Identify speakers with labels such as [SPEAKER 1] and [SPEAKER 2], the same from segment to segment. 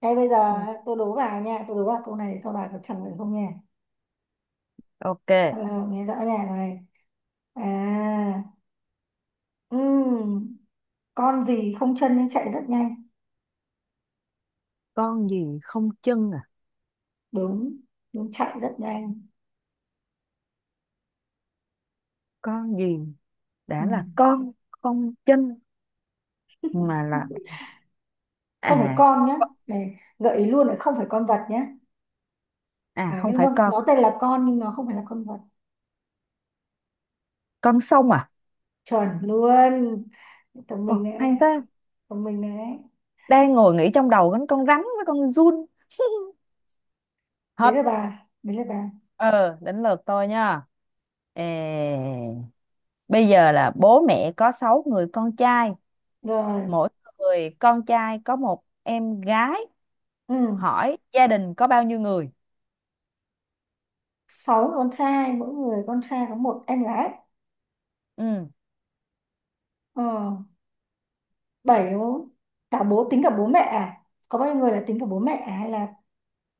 [SPEAKER 1] Thế bây giờ
[SPEAKER 2] Ừ,
[SPEAKER 1] tôi đố bà nha, tôi đố bà câu này, câu bà có trả lời không nha?
[SPEAKER 2] Ok,
[SPEAKER 1] À, nghe rõ nha này. À, ừm, con gì không chân nhưng chạy rất nhanh?
[SPEAKER 2] con gì không chân à?
[SPEAKER 1] Đúng, đúng, chạy rất nhanh.
[SPEAKER 2] Con gì đã là
[SPEAKER 1] Ừm.
[SPEAKER 2] con không chân mà là
[SPEAKER 1] Không phải
[SPEAKER 2] à
[SPEAKER 1] con nhá. Này, gợi ý luôn là không phải con vật nhá. À,
[SPEAKER 2] không
[SPEAKER 1] nhưng
[SPEAKER 2] phải
[SPEAKER 1] nó, nó tên là con nhưng nó không phải là con vật.
[SPEAKER 2] con sông à?
[SPEAKER 1] Chuẩn luôn. Thông
[SPEAKER 2] Ồ,
[SPEAKER 1] minh đấy.
[SPEAKER 2] hay thế.
[SPEAKER 1] Thông minh đấy.
[SPEAKER 2] Đang ngồi nghĩ trong đầu đến con rắn với con giun.
[SPEAKER 1] Đấy
[SPEAKER 2] Hết.
[SPEAKER 1] là bà, đấy là bà.
[SPEAKER 2] Ờ, đến lượt tôi nha. Ê, bây giờ là bố mẹ có 6 người con trai,
[SPEAKER 1] Rồi,
[SPEAKER 2] mỗi người con trai có một em gái.
[SPEAKER 1] ừm,
[SPEAKER 2] Hỏi gia đình có bao nhiêu người?
[SPEAKER 1] sáu người con trai, mỗi người con trai có một em gái.
[SPEAKER 2] Ừ,
[SPEAKER 1] Ờ, bảy đúng không? Cả bố Tính cả bố mẹ à? Có bao nhiêu người, là tính cả bố mẹ à? Hay là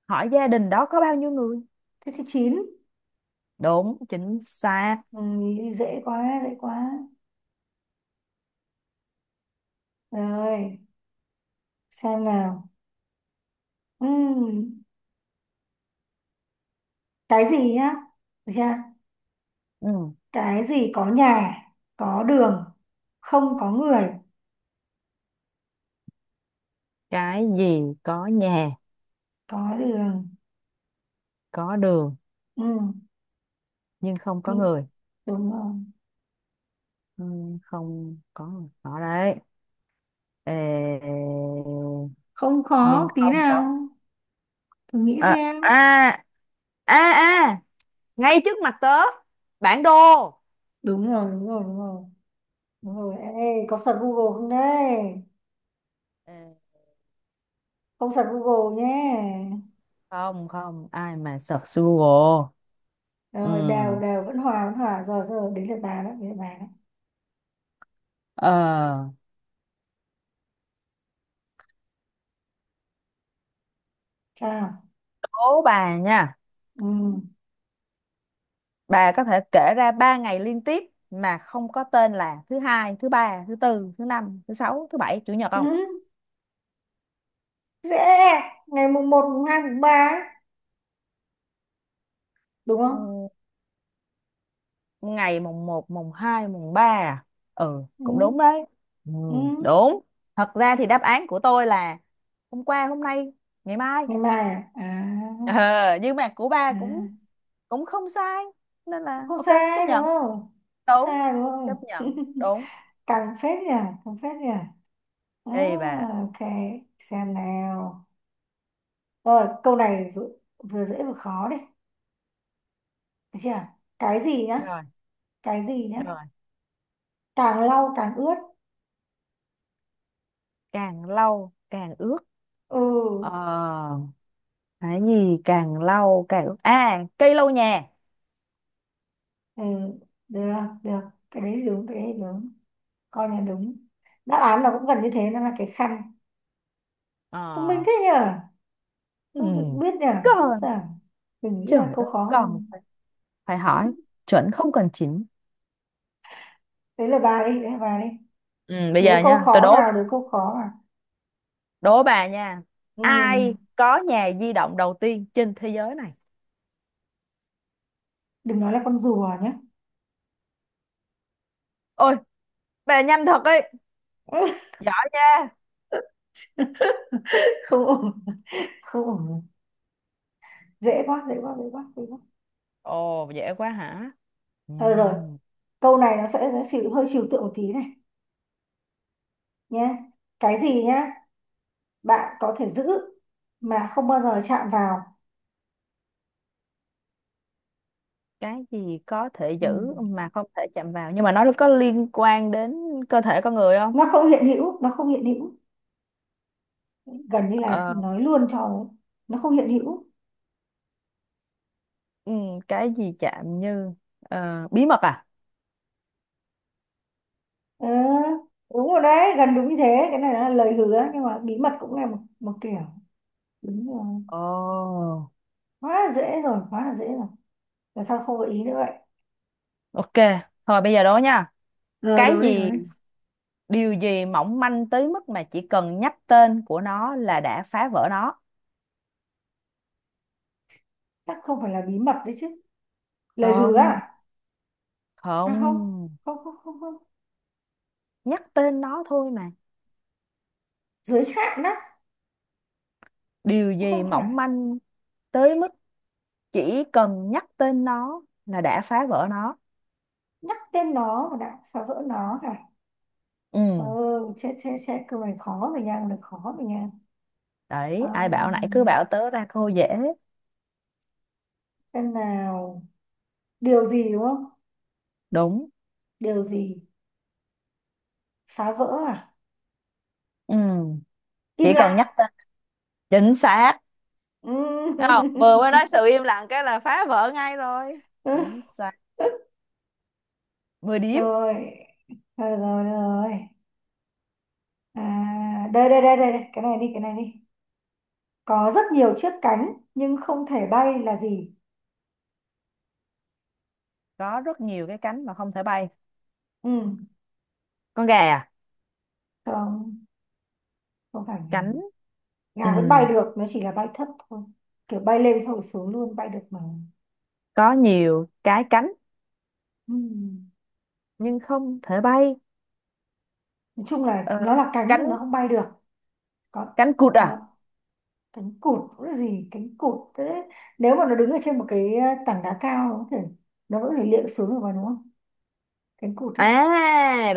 [SPEAKER 2] hỏi gia đình đó có bao nhiêu người?
[SPEAKER 1] thế thì chín.
[SPEAKER 2] Đúng, chính xác.
[SPEAKER 1] Ừ, dễ quá, dễ quá. Rồi, xem nào. Ừm, cái gì nhá? Được chưa?
[SPEAKER 2] Ừ.
[SPEAKER 1] Cái gì có nhà, có đường, không có người?
[SPEAKER 2] Cái gì có nhà,
[SPEAKER 1] Có đường.
[SPEAKER 2] có đường
[SPEAKER 1] Ừm,
[SPEAKER 2] nhưng không có
[SPEAKER 1] nhưng-
[SPEAKER 2] người.
[SPEAKER 1] Đúng rồi.
[SPEAKER 2] Ừ, không có người. Đó đấy. Ê,
[SPEAKER 1] Không
[SPEAKER 2] nhưng
[SPEAKER 1] khó tí
[SPEAKER 2] không có.
[SPEAKER 1] nào, thử nghĩ
[SPEAKER 2] À,
[SPEAKER 1] xem.
[SPEAKER 2] à, à, à, ngay trước mặt tớ. Bản đồ.
[SPEAKER 1] Đúng rồi, đúng rồi, đúng rồi. Đúng rồi, ê, có search Google không đấy?
[SPEAKER 2] Ê,
[SPEAKER 1] Không search Google nhé.
[SPEAKER 2] không, không, ai mà search Google. Ừ.
[SPEAKER 1] Rồi, đều đều vẫn hòa, vẫn hòa rồi. Rồi đến lượt bà đó, đến lượt bà đó.
[SPEAKER 2] Ờ,
[SPEAKER 1] Sao?
[SPEAKER 2] đố bà nha.
[SPEAKER 1] Ừ.
[SPEAKER 2] Bà có thể kể ra 3 ngày liên tiếp mà không có tên là thứ hai, thứ ba, thứ tư, thứ năm, thứ sáu, thứ bảy, chủ nhật
[SPEAKER 1] Ừ.
[SPEAKER 2] không?
[SPEAKER 1] Dễ. Ngày mùng một, mùng hai, mùng ba ấy, đúng không?
[SPEAKER 2] Ừ, ngày mùng 1 mùng 2 mùng 3 à? Ừ, cũng đúng
[SPEAKER 1] Ừ.
[SPEAKER 2] đấy. Ừ,
[SPEAKER 1] Ừ.
[SPEAKER 2] đúng. Thật ra thì đáp án của tôi là hôm qua, hôm nay, ngày mai.
[SPEAKER 1] Ngày mai à, à,
[SPEAKER 2] Ờ, nhưng mà của ba cũng
[SPEAKER 1] à.
[SPEAKER 2] cũng không sai. Nên
[SPEAKER 1] Cũng
[SPEAKER 2] là
[SPEAKER 1] không
[SPEAKER 2] ok, chấp
[SPEAKER 1] sai đúng
[SPEAKER 2] nhận.
[SPEAKER 1] không? Không
[SPEAKER 2] Đúng,
[SPEAKER 1] sai đúng
[SPEAKER 2] chấp
[SPEAKER 1] không?
[SPEAKER 2] nhận. Đúng.
[SPEAKER 1] Càng phết nhỉ, càng phết nhỉ. À,
[SPEAKER 2] Ê bà.
[SPEAKER 1] ok, xem nào. Rồi câu này vừa dễ vừa khó đấy, được chưa? Cái gì nhá?
[SPEAKER 2] Rồi,
[SPEAKER 1] Cái gì nhá?
[SPEAKER 2] rồi.
[SPEAKER 1] Càng lau càng ướt.
[SPEAKER 2] Càng lâu, càng ướt. Ờ,
[SPEAKER 1] Ừ.
[SPEAKER 2] cái gì càng lâu, càng ướt. À, cây lau nhà.
[SPEAKER 1] Ừ, được, được. Cái đấy đúng, cái đấy đúng, coi là đúng. Đáp án là cũng gần như thế, nó là cái khăn.
[SPEAKER 2] Ờ,
[SPEAKER 1] Thông minh thế nhở,
[SPEAKER 2] ừ.
[SPEAKER 1] không được biết nhở, chứ
[SPEAKER 2] Còn,
[SPEAKER 1] sợ mình nghĩ ra
[SPEAKER 2] trời
[SPEAKER 1] câu
[SPEAKER 2] ơi,
[SPEAKER 1] khó
[SPEAKER 2] còn.
[SPEAKER 1] hơn.
[SPEAKER 2] Phải hỏi chuẩn không cần chỉnh.
[SPEAKER 1] Đấy là bà đi, đấy là bà đi.
[SPEAKER 2] Ừ, bây giờ
[SPEAKER 1] Đố câu
[SPEAKER 2] nha, tôi
[SPEAKER 1] khó
[SPEAKER 2] đố
[SPEAKER 1] vào, đố câu khó vào.
[SPEAKER 2] đố bà nha. Ai
[SPEAKER 1] Ừ,
[SPEAKER 2] có nhà di động đầu tiên trên thế giới này?
[SPEAKER 1] đừng nói là con rùa nhé.
[SPEAKER 2] Ôi, bà nhanh thật ấy. Giỏi nha.
[SPEAKER 1] Không ổn, không ổn. Dễ quá, dễ quá, dễ quá, dễ quá.
[SPEAKER 2] Ồ, dễ quá hả? Ừ,
[SPEAKER 1] Thôi được rồi, câu này nó chịu hơi trừu tượng một tí này nhé. Cái gì nhá? Bạn có thể giữ mà không bao giờ chạm vào.
[SPEAKER 2] cái gì có thể
[SPEAKER 1] Ừ.
[SPEAKER 2] giữ mà không thể chạm vào nhưng mà nó có liên quan đến cơ thể con người không?
[SPEAKER 1] Nó không hiện hữu, nó không hiện hữu. Gần như là
[SPEAKER 2] Ờ,
[SPEAKER 1] nói luôn cho ấy. Nó không hiện hữu.
[SPEAKER 2] ừ, cái gì chạm như bí mật à?
[SPEAKER 1] Ờ, đúng rồi đấy, gần đúng như thế. Cái này là lời hứa, nhưng mà bí mật cũng là một kiểu. Đúng rồi.
[SPEAKER 2] Ồ,
[SPEAKER 1] Quá là dễ rồi, quá là dễ rồi. Tại sao không gợi ý nữa vậy?
[SPEAKER 2] ok. Thôi bây giờ đố nha.
[SPEAKER 1] Rồi
[SPEAKER 2] Cái
[SPEAKER 1] đố đi, đố
[SPEAKER 2] gì
[SPEAKER 1] đi.
[SPEAKER 2] Điều gì mỏng manh tới mức mà chỉ cần nhắc tên của nó là đã phá vỡ nó?
[SPEAKER 1] Chắc không phải là bí mật đấy chứ? Lời hứa
[SPEAKER 2] Không,
[SPEAKER 1] à? À không,
[SPEAKER 2] không,
[SPEAKER 1] không, không, không, không.
[SPEAKER 2] nhắc tên nó thôi mà.
[SPEAKER 1] Giới hạn á?
[SPEAKER 2] Điều gì
[SPEAKER 1] Không phải.
[SPEAKER 2] mỏng manh tới mức chỉ cần nhắc tên nó là đã phá vỡ nó?
[SPEAKER 1] Nhắc tên nó mà đã phá vỡ nó hả?
[SPEAKER 2] Ừ,
[SPEAKER 1] Ờ, chết, chết, chết, câu này khó rồi nha, câu này khó rồi nha. Ờ,
[SPEAKER 2] đấy ai bảo nãy cứ bảo tớ ra cô dễ.
[SPEAKER 1] xem nào. Điều gì đúng không?
[SPEAKER 2] Đúng.
[SPEAKER 1] Điều. Ừ. Gì? Phá vỡ à?
[SPEAKER 2] Ừ,
[SPEAKER 1] Im
[SPEAKER 2] chỉ cần
[SPEAKER 1] lặng.
[SPEAKER 2] nhắc tên. Chính xác. Thấy không, vừa mới nói sự im lặng cái là phá vỡ ngay rồi. Chính xác. 10 điểm.
[SPEAKER 1] Rồi, rồi, rồi, rồi. À, đây, đây, đây, đây, đây, cái này đi, cái này đi. Có rất nhiều chiếc cánh nhưng không thể bay là gì?
[SPEAKER 2] Có rất nhiều cái cánh mà không thể bay.
[SPEAKER 1] Ừ.
[SPEAKER 2] Con gà à?
[SPEAKER 1] Không, không phải gà.
[SPEAKER 2] Cánh. Ừ,
[SPEAKER 1] Gà vẫn bay được, nó chỉ là bay thấp thôi, kiểu bay lên xong rồi xuống luôn, bay được mà.
[SPEAKER 2] có nhiều cái cánh
[SPEAKER 1] Ừ.
[SPEAKER 2] nhưng không thể bay.
[SPEAKER 1] Nói chung là
[SPEAKER 2] Ờ,
[SPEAKER 1] nó là cánh nhưng nó
[SPEAKER 2] cánh
[SPEAKER 1] không bay được. Còn.
[SPEAKER 2] cánh cụt à?
[SPEAKER 1] Nó. Cánh cụt nó gì cánh cụt thế, nếu mà nó đứng ở trên một cái tảng đá cao, nó có thể liệng xuống được vào, đúng không? Cánh cụt ấy.
[SPEAKER 2] À,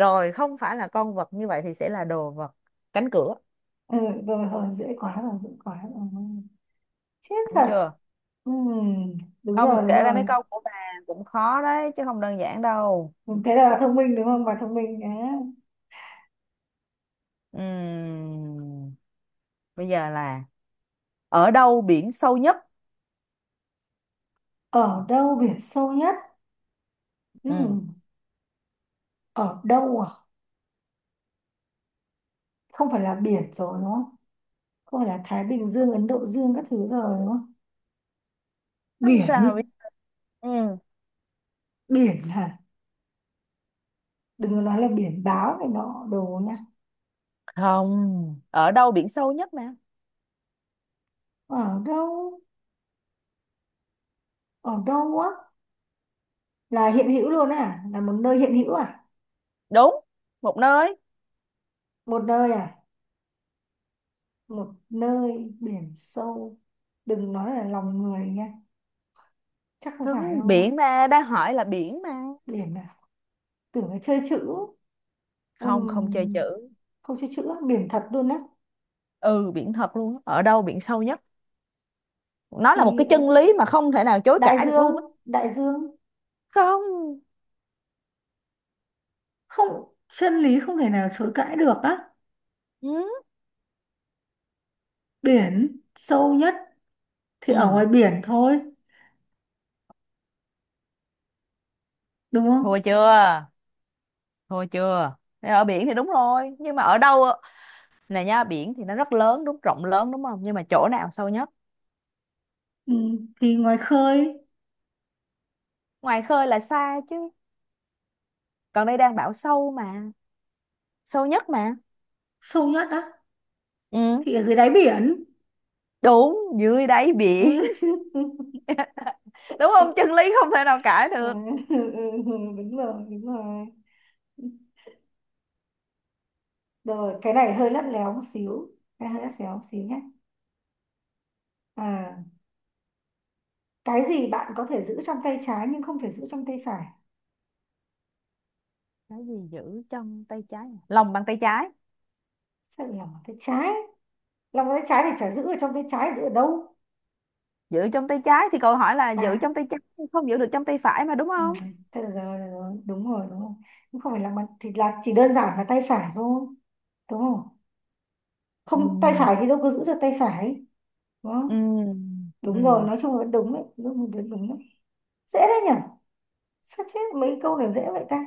[SPEAKER 2] rồi không phải là con vật, như vậy thì sẽ là đồ vật. Cánh cửa.
[SPEAKER 1] Ừ, rồi rồi, dễ quá rồi, dễ quá rồi. Chết
[SPEAKER 2] Đúng
[SPEAKER 1] thật.
[SPEAKER 2] chưa?
[SPEAKER 1] Ừm, Đúng rồi,
[SPEAKER 2] Không,
[SPEAKER 1] đúng
[SPEAKER 2] kể ra mấy
[SPEAKER 1] rồi.
[SPEAKER 2] câu của bà cũng khó đấy chứ không đơn giản đâu.
[SPEAKER 1] Ừ, thế là bà thông minh, đúng không? Bà thông minh á.
[SPEAKER 2] Ừm, bây giờ là ở đâu biển sâu nhất?
[SPEAKER 1] Ở đâu biển sâu nhất?
[SPEAKER 2] Ừ,
[SPEAKER 1] Ừm, Ở đâu à? Không phải là biển rồi đúng không? Không phải là Thái Bình Dương, Ấn Độ Dương các thứ rồi đúng không?
[SPEAKER 2] không sao mà biết.
[SPEAKER 1] Biển.
[SPEAKER 2] Ừ.
[SPEAKER 1] Biển hả? Đừng có nói là biển báo này nọ đồ nha.
[SPEAKER 2] Không, ở đâu biển sâu nhất nè?
[SPEAKER 1] Ở đâu? Ở đâu á? Là hiện hữu luôn à, là một nơi hiện hữu à?
[SPEAKER 2] Đúng, một nơi.
[SPEAKER 1] Một nơi à? Một nơi biển sâu. Đừng nói là lòng người nha, chắc không
[SPEAKER 2] Không,
[SPEAKER 1] phải đâu.
[SPEAKER 2] biển mà đang hỏi là biển mà.
[SPEAKER 1] Biển à? Tưởng là chơi chữ.
[SPEAKER 2] Không, không chơi
[SPEAKER 1] Ừm,
[SPEAKER 2] chữ.
[SPEAKER 1] Không chơi chữ, biển thật luôn á?
[SPEAKER 2] Ừ, biển thật luôn á. Ở đâu biển sâu nhất? Nó là một
[SPEAKER 1] Thì
[SPEAKER 2] cái chân lý mà không thể nào chối
[SPEAKER 1] đại
[SPEAKER 2] cãi được
[SPEAKER 1] dương,
[SPEAKER 2] luôn á.
[SPEAKER 1] đại dương.
[SPEAKER 2] Không.
[SPEAKER 1] Không. Chân lý không thể nào chối cãi được á?
[SPEAKER 2] Ừ.
[SPEAKER 1] Biển sâu nhất thì
[SPEAKER 2] Ừ.
[SPEAKER 1] ở ngoài biển thôi, đúng
[SPEAKER 2] Thua
[SPEAKER 1] không?
[SPEAKER 2] chưa? Thua chưa? Thế ở biển thì đúng rồi nhưng mà ở đâu ạ? Nè nha, biển thì nó rất lớn, đúng, rộng lớn đúng không, nhưng mà chỗ nào sâu nhất?
[SPEAKER 1] Thì ngoài khơi.
[SPEAKER 2] Ngoài khơi là xa chứ, còn đây đang bảo sâu mà, sâu nhất mà.
[SPEAKER 1] Sâu nhất á
[SPEAKER 2] Ừ.
[SPEAKER 1] thì ở dưới đáy biển.
[SPEAKER 2] Đúng, dưới đáy biển. Đúng không, chân lý không thể nào cãi
[SPEAKER 1] À,
[SPEAKER 2] được.
[SPEAKER 1] ừ, ừ, đúng rồi, đúng rồi. Rồi, cái này hơi lắt léo một xíu, cái hơi lắt léo một xíu nhé. à cái gì bạn có thể giữ trong tay trái nhưng không thể giữ trong tay phải?
[SPEAKER 2] Cái gì giữ trong tay trái à? Lòng bàn tay trái.
[SPEAKER 1] Sao lại lòng bàn tay trái? Lòng bàn tay trái thì chả giữ ở trong tay trái, giữ ở đâu?
[SPEAKER 2] Giữ trong tay trái thì câu hỏi là giữ
[SPEAKER 1] À.
[SPEAKER 2] trong tay trái, không giữ được trong tay phải mà đúng
[SPEAKER 1] Ừ,
[SPEAKER 2] không?
[SPEAKER 1] thế được rồi, được rồi, đúng rồi, đúng rồi. Nhưng không phải lòng bàn thì là chỉ đơn giản là tay phải thôi, đúng không?
[SPEAKER 2] Ừ.
[SPEAKER 1] Không, tay phải thì đâu có giữ được tay phải, đúng
[SPEAKER 2] Ừ.
[SPEAKER 1] không? Đúng rồi,
[SPEAKER 2] Ừ.
[SPEAKER 1] nói chung là đúng đấy, đúng đúng đúng đấy. Dễ đấy nhỉ, sao chết mấy câu này dễ vậy ta?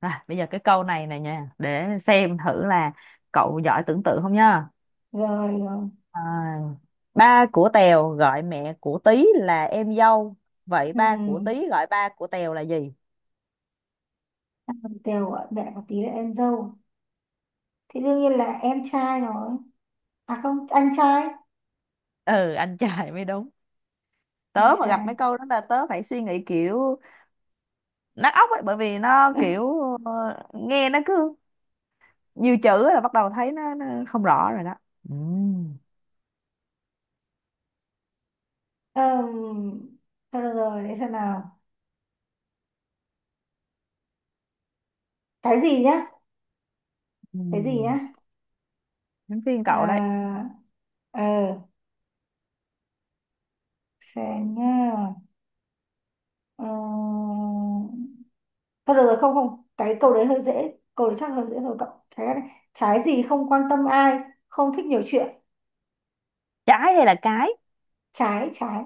[SPEAKER 2] À, bây giờ cái câu này này nha, để xem thử là cậu giỏi tưởng tượng không nha.
[SPEAKER 1] Rồi, rồi.
[SPEAKER 2] À, ba của Tèo gọi mẹ của Tí là em dâu, vậy
[SPEAKER 1] Ừ.
[SPEAKER 2] ba của Tí gọi ba của Tèo là gì?
[SPEAKER 1] Làm Đều gọi mẹ một tí là em dâu thì đương nhiên là em trai rồi. À không, anh trai.
[SPEAKER 2] Ừ, anh trai mới đúng.
[SPEAKER 1] Anh
[SPEAKER 2] Tớ mà gặp mấy
[SPEAKER 1] trai.
[SPEAKER 2] câu đó là tớ phải suy nghĩ kiểu nát óc ấy, bởi vì nó kiểu ờ, nghe nó cứ nhiều chữ là bắt đầu thấy nó không rõ rồi đó. Ừm,
[SPEAKER 1] um, Thôi được rồi, để xem nào. Cái gì nhá? Cái gì
[SPEAKER 2] ừm.
[SPEAKER 1] nhá?
[SPEAKER 2] Đến phiên
[SPEAKER 1] à
[SPEAKER 2] cậu đấy.
[SPEAKER 1] ờ xem nhá. Ờ, thôi được rồi, không không, cái câu đấy hơi dễ, câu đấy chắc hơi dễ rồi cậu. Cái này trái gì không quan tâm ai, không thích nhiều chuyện.
[SPEAKER 2] Trái hay là cái?
[SPEAKER 1] Trái, trái.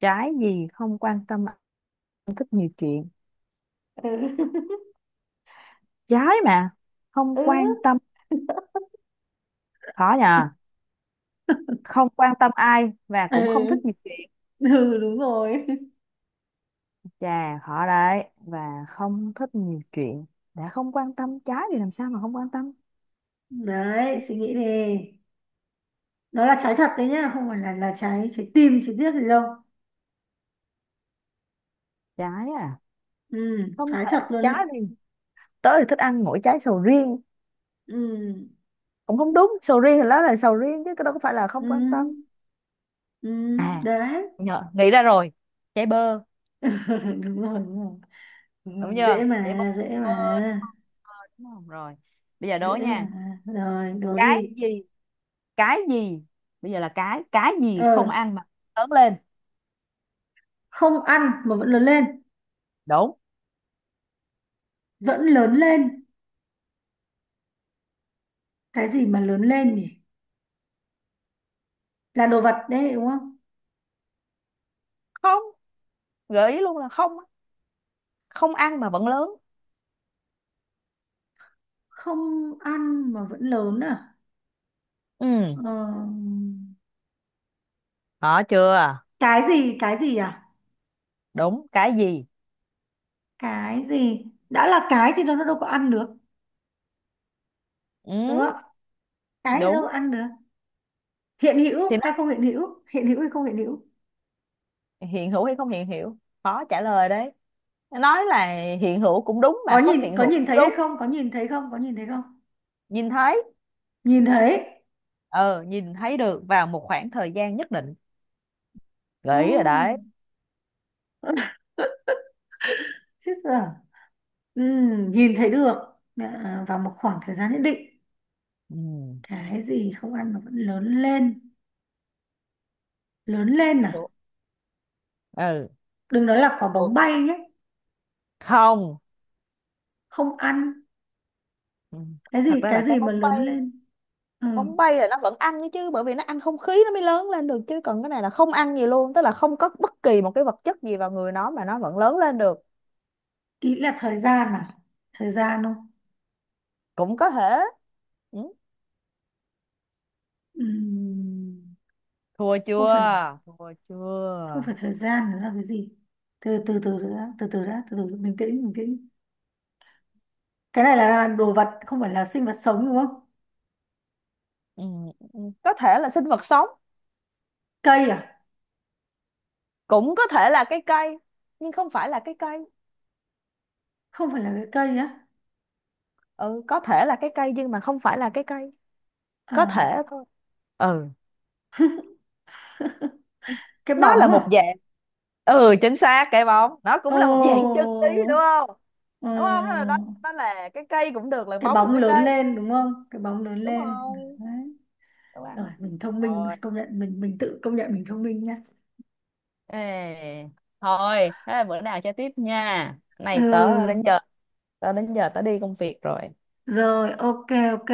[SPEAKER 2] Trái gì không quan tâm, không thích nhiều chuyện?
[SPEAKER 1] Ừ.
[SPEAKER 2] Trái mà không
[SPEAKER 1] Ừ.
[SPEAKER 2] quan tâm. Khó nhờ. Không quan tâm ai và
[SPEAKER 1] Ừ,
[SPEAKER 2] cũng không thích nhiều chuyện.
[SPEAKER 1] ừ, đúng rồi
[SPEAKER 2] Chà, khó đấy, và không thích nhiều chuyện. Đã không quan tâm trái thì làm sao mà không quan tâm.
[SPEAKER 1] đấy, suy nghĩ đi. Nó là trái thật đấy nhá, không phải là trái, trái tim, trái tiếc gì đâu.
[SPEAKER 2] Trái à?
[SPEAKER 1] Ừ,
[SPEAKER 2] Không
[SPEAKER 1] trái
[SPEAKER 2] thể.
[SPEAKER 1] thật luôn đấy.
[SPEAKER 2] Trái thì tớ thì thích ăn mỗi trái sầu riêng.
[SPEAKER 1] Ừ.
[SPEAKER 2] Cũng không đúng, sầu riêng thì nó là sầu riêng chứ, cái đó có phải là
[SPEAKER 1] Ừ.
[SPEAKER 2] không quan tâm
[SPEAKER 1] Ừ.
[SPEAKER 2] à.
[SPEAKER 1] Đấy.
[SPEAKER 2] Nhờ, nghĩ ra rồi. Chảy bơ.
[SPEAKER 1] Đúng rồi, đúng rồi. Đúng
[SPEAKER 2] Đúng
[SPEAKER 1] rồi,
[SPEAKER 2] chưa?
[SPEAKER 1] dễ
[SPEAKER 2] Chảy bơ,
[SPEAKER 1] mà, dễ
[SPEAKER 2] bơ đúng
[SPEAKER 1] mà.
[SPEAKER 2] không? Bơ, đúng không. Rồi, bây giờ đố
[SPEAKER 1] Dễ
[SPEAKER 2] nha.
[SPEAKER 1] mà, rồi đố
[SPEAKER 2] Cái
[SPEAKER 1] đi.
[SPEAKER 2] gì. cái gì Bây giờ là cái gì không
[SPEAKER 1] Ờ,
[SPEAKER 2] ăn mà lớn lên?
[SPEAKER 1] không ăn mà vẫn lớn lên?
[SPEAKER 2] Đúng.
[SPEAKER 1] Vẫn lớn lên. Cái gì mà lớn lên nhỉ? Là đồ vật đấy đúng không?
[SPEAKER 2] Không, gợi ý luôn là không á. Không ăn mà vẫn lớn.
[SPEAKER 1] Không ăn mà vẫn lớn à? Ờ,
[SPEAKER 2] Ừ, có chưa?
[SPEAKER 1] cái gì? Cái gì à?
[SPEAKER 2] Đúng, cái gì.
[SPEAKER 1] Cái gì đã là cái thì nó đâu có ăn được, đúng
[SPEAKER 2] Ừ.
[SPEAKER 1] không? Cái thì đâu có
[SPEAKER 2] Đúng.
[SPEAKER 1] ăn được. Hiện
[SPEAKER 2] Thì
[SPEAKER 1] hữu
[SPEAKER 2] nó
[SPEAKER 1] hay không hiện hữu, hiện hữu hay không hiện hữu?
[SPEAKER 2] hiện hữu hay không hiện hữu, khó trả lời đấy, nói là hiện hữu cũng đúng mà không hiện
[SPEAKER 1] Có
[SPEAKER 2] hữu
[SPEAKER 1] nhìn
[SPEAKER 2] cũng
[SPEAKER 1] thấy hay
[SPEAKER 2] đúng.
[SPEAKER 1] không, có nhìn thấy không, có nhìn thấy không?
[SPEAKER 2] Nhìn thấy.
[SPEAKER 1] Nhìn thấy.
[SPEAKER 2] Ờ, nhìn thấy được vào một khoảng thời gian nhất định.
[SPEAKER 1] Ồ,
[SPEAKER 2] Gợi ý rồi
[SPEAKER 1] oh,
[SPEAKER 2] đấy.
[SPEAKER 1] chết rồi. Nhìn thấy được. À, vào một khoảng thời gian nhất định.
[SPEAKER 2] Ừ.
[SPEAKER 1] Cái gì không ăn mà vẫn lớn lên? Lớn lên
[SPEAKER 2] Ủa,
[SPEAKER 1] à?
[SPEAKER 2] ừ.
[SPEAKER 1] Đừng nói là quả
[SPEAKER 2] Ủa,
[SPEAKER 1] bóng bay nhé.
[SPEAKER 2] không.
[SPEAKER 1] Không ăn.
[SPEAKER 2] Ừ.
[SPEAKER 1] Cái gì,
[SPEAKER 2] Thật ra
[SPEAKER 1] cái
[SPEAKER 2] là
[SPEAKER 1] gì
[SPEAKER 2] cái
[SPEAKER 1] mà
[SPEAKER 2] bóng
[SPEAKER 1] lớn
[SPEAKER 2] bay.
[SPEAKER 1] lên? Ừ.
[SPEAKER 2] Bóng bay là nó vẫn ăn đấy chứ, bởi vì nó ăn không khí nó mới lớn lên được, chứ còn cái này là không ăn gì luôn, tức là không có bất kỳ một cái vật chất gì vào người nó mà nó vẫn lớn lên được.
[SPEAKER 1] Ý là thời gian à? Thời gian không?
[SPEAKER 2] Cũng có thể. Ừ.
[SPEAKER 1] Ừm
[SPEAKER 2] Thua
[SPEAKER 1] không phải
[SPEAKER 2] chưa? Thua
[SPEAKER 1] không
[SPEAKER 2] chưa?
[SPEAKER 1] phải thời gian, nó là cái gì? Từ từ, từ từ đã, từ từ đã, từ từ, bình tĩnh, bình tĩnh. Cái này là đồ vật, không phải là sinh vật sống, đúng không?
[SPEAKER 2] Ừ. Ừ, có thể là sinh vật sống.
[SPEAKER 1] Cây à?
[SPEAKER 2] Cũng có thể là cái cây nhưng không phải là cái cây.
[SPEAKER 1] Không phải là cái cây á?
[SPEAKER 2] Ừ, có thể là cái cây nhưng mà không phải là cái cây. Có
[SPEAKER 1] À,
[SPEAKER 2] thể thôi. Ừ.
[SPEAKER 1] cái
[SPEAKER 2] Nó là
[SPEAKER 1] bóng
[SPEAKER 2] một
[SPEAKER 1] à?
[SPEAKER 2] dạng. Ừ, chính xác, cái bóng nó cũng là một dạng chân lý đúng
[SPEAKER 1] Ồ.
[SPEAKER 2] không.
[SPEAKER 1] Ừ.
[SPEAKER 2] Đúng không, đó là cái cây cũng được, là
[SPEAKER 1] Cái
[SPEAKER 2] bóng một
[SPEAKER 1] bóng
[SPEAKER 2] cái
[SPEAKER 1] lớn
[SPEAKER 2] cây.
[SPEAKER 1] lên đúng không, cái bóng lớn
[SPEAKER 2] Đúng
[SPEAKER 1] lên.
[SPEAKER 2] rồi.
[SPEAKER 1] Đấy.
[SPEAKER 2] Đúng
[SPEAKER 1] Rồi,
[SPEAKER 2] ăn.
[SPEAKER 1] mình thông minh,
[SPEAKER 2] Rồi.
[SPEAKER 1] công nhận mình tự công nhận mình thông minh nhá.
[SPEAKER 2] Ê, thôi thế là bữa nào chơi tiếp nha. Cái này tớ đến
[SPEAKER 1] Ừ,
[SPEAKER 2] giờ, tớ đi công việc rồi.
[SPEAKER 1] rồi, ok, ok.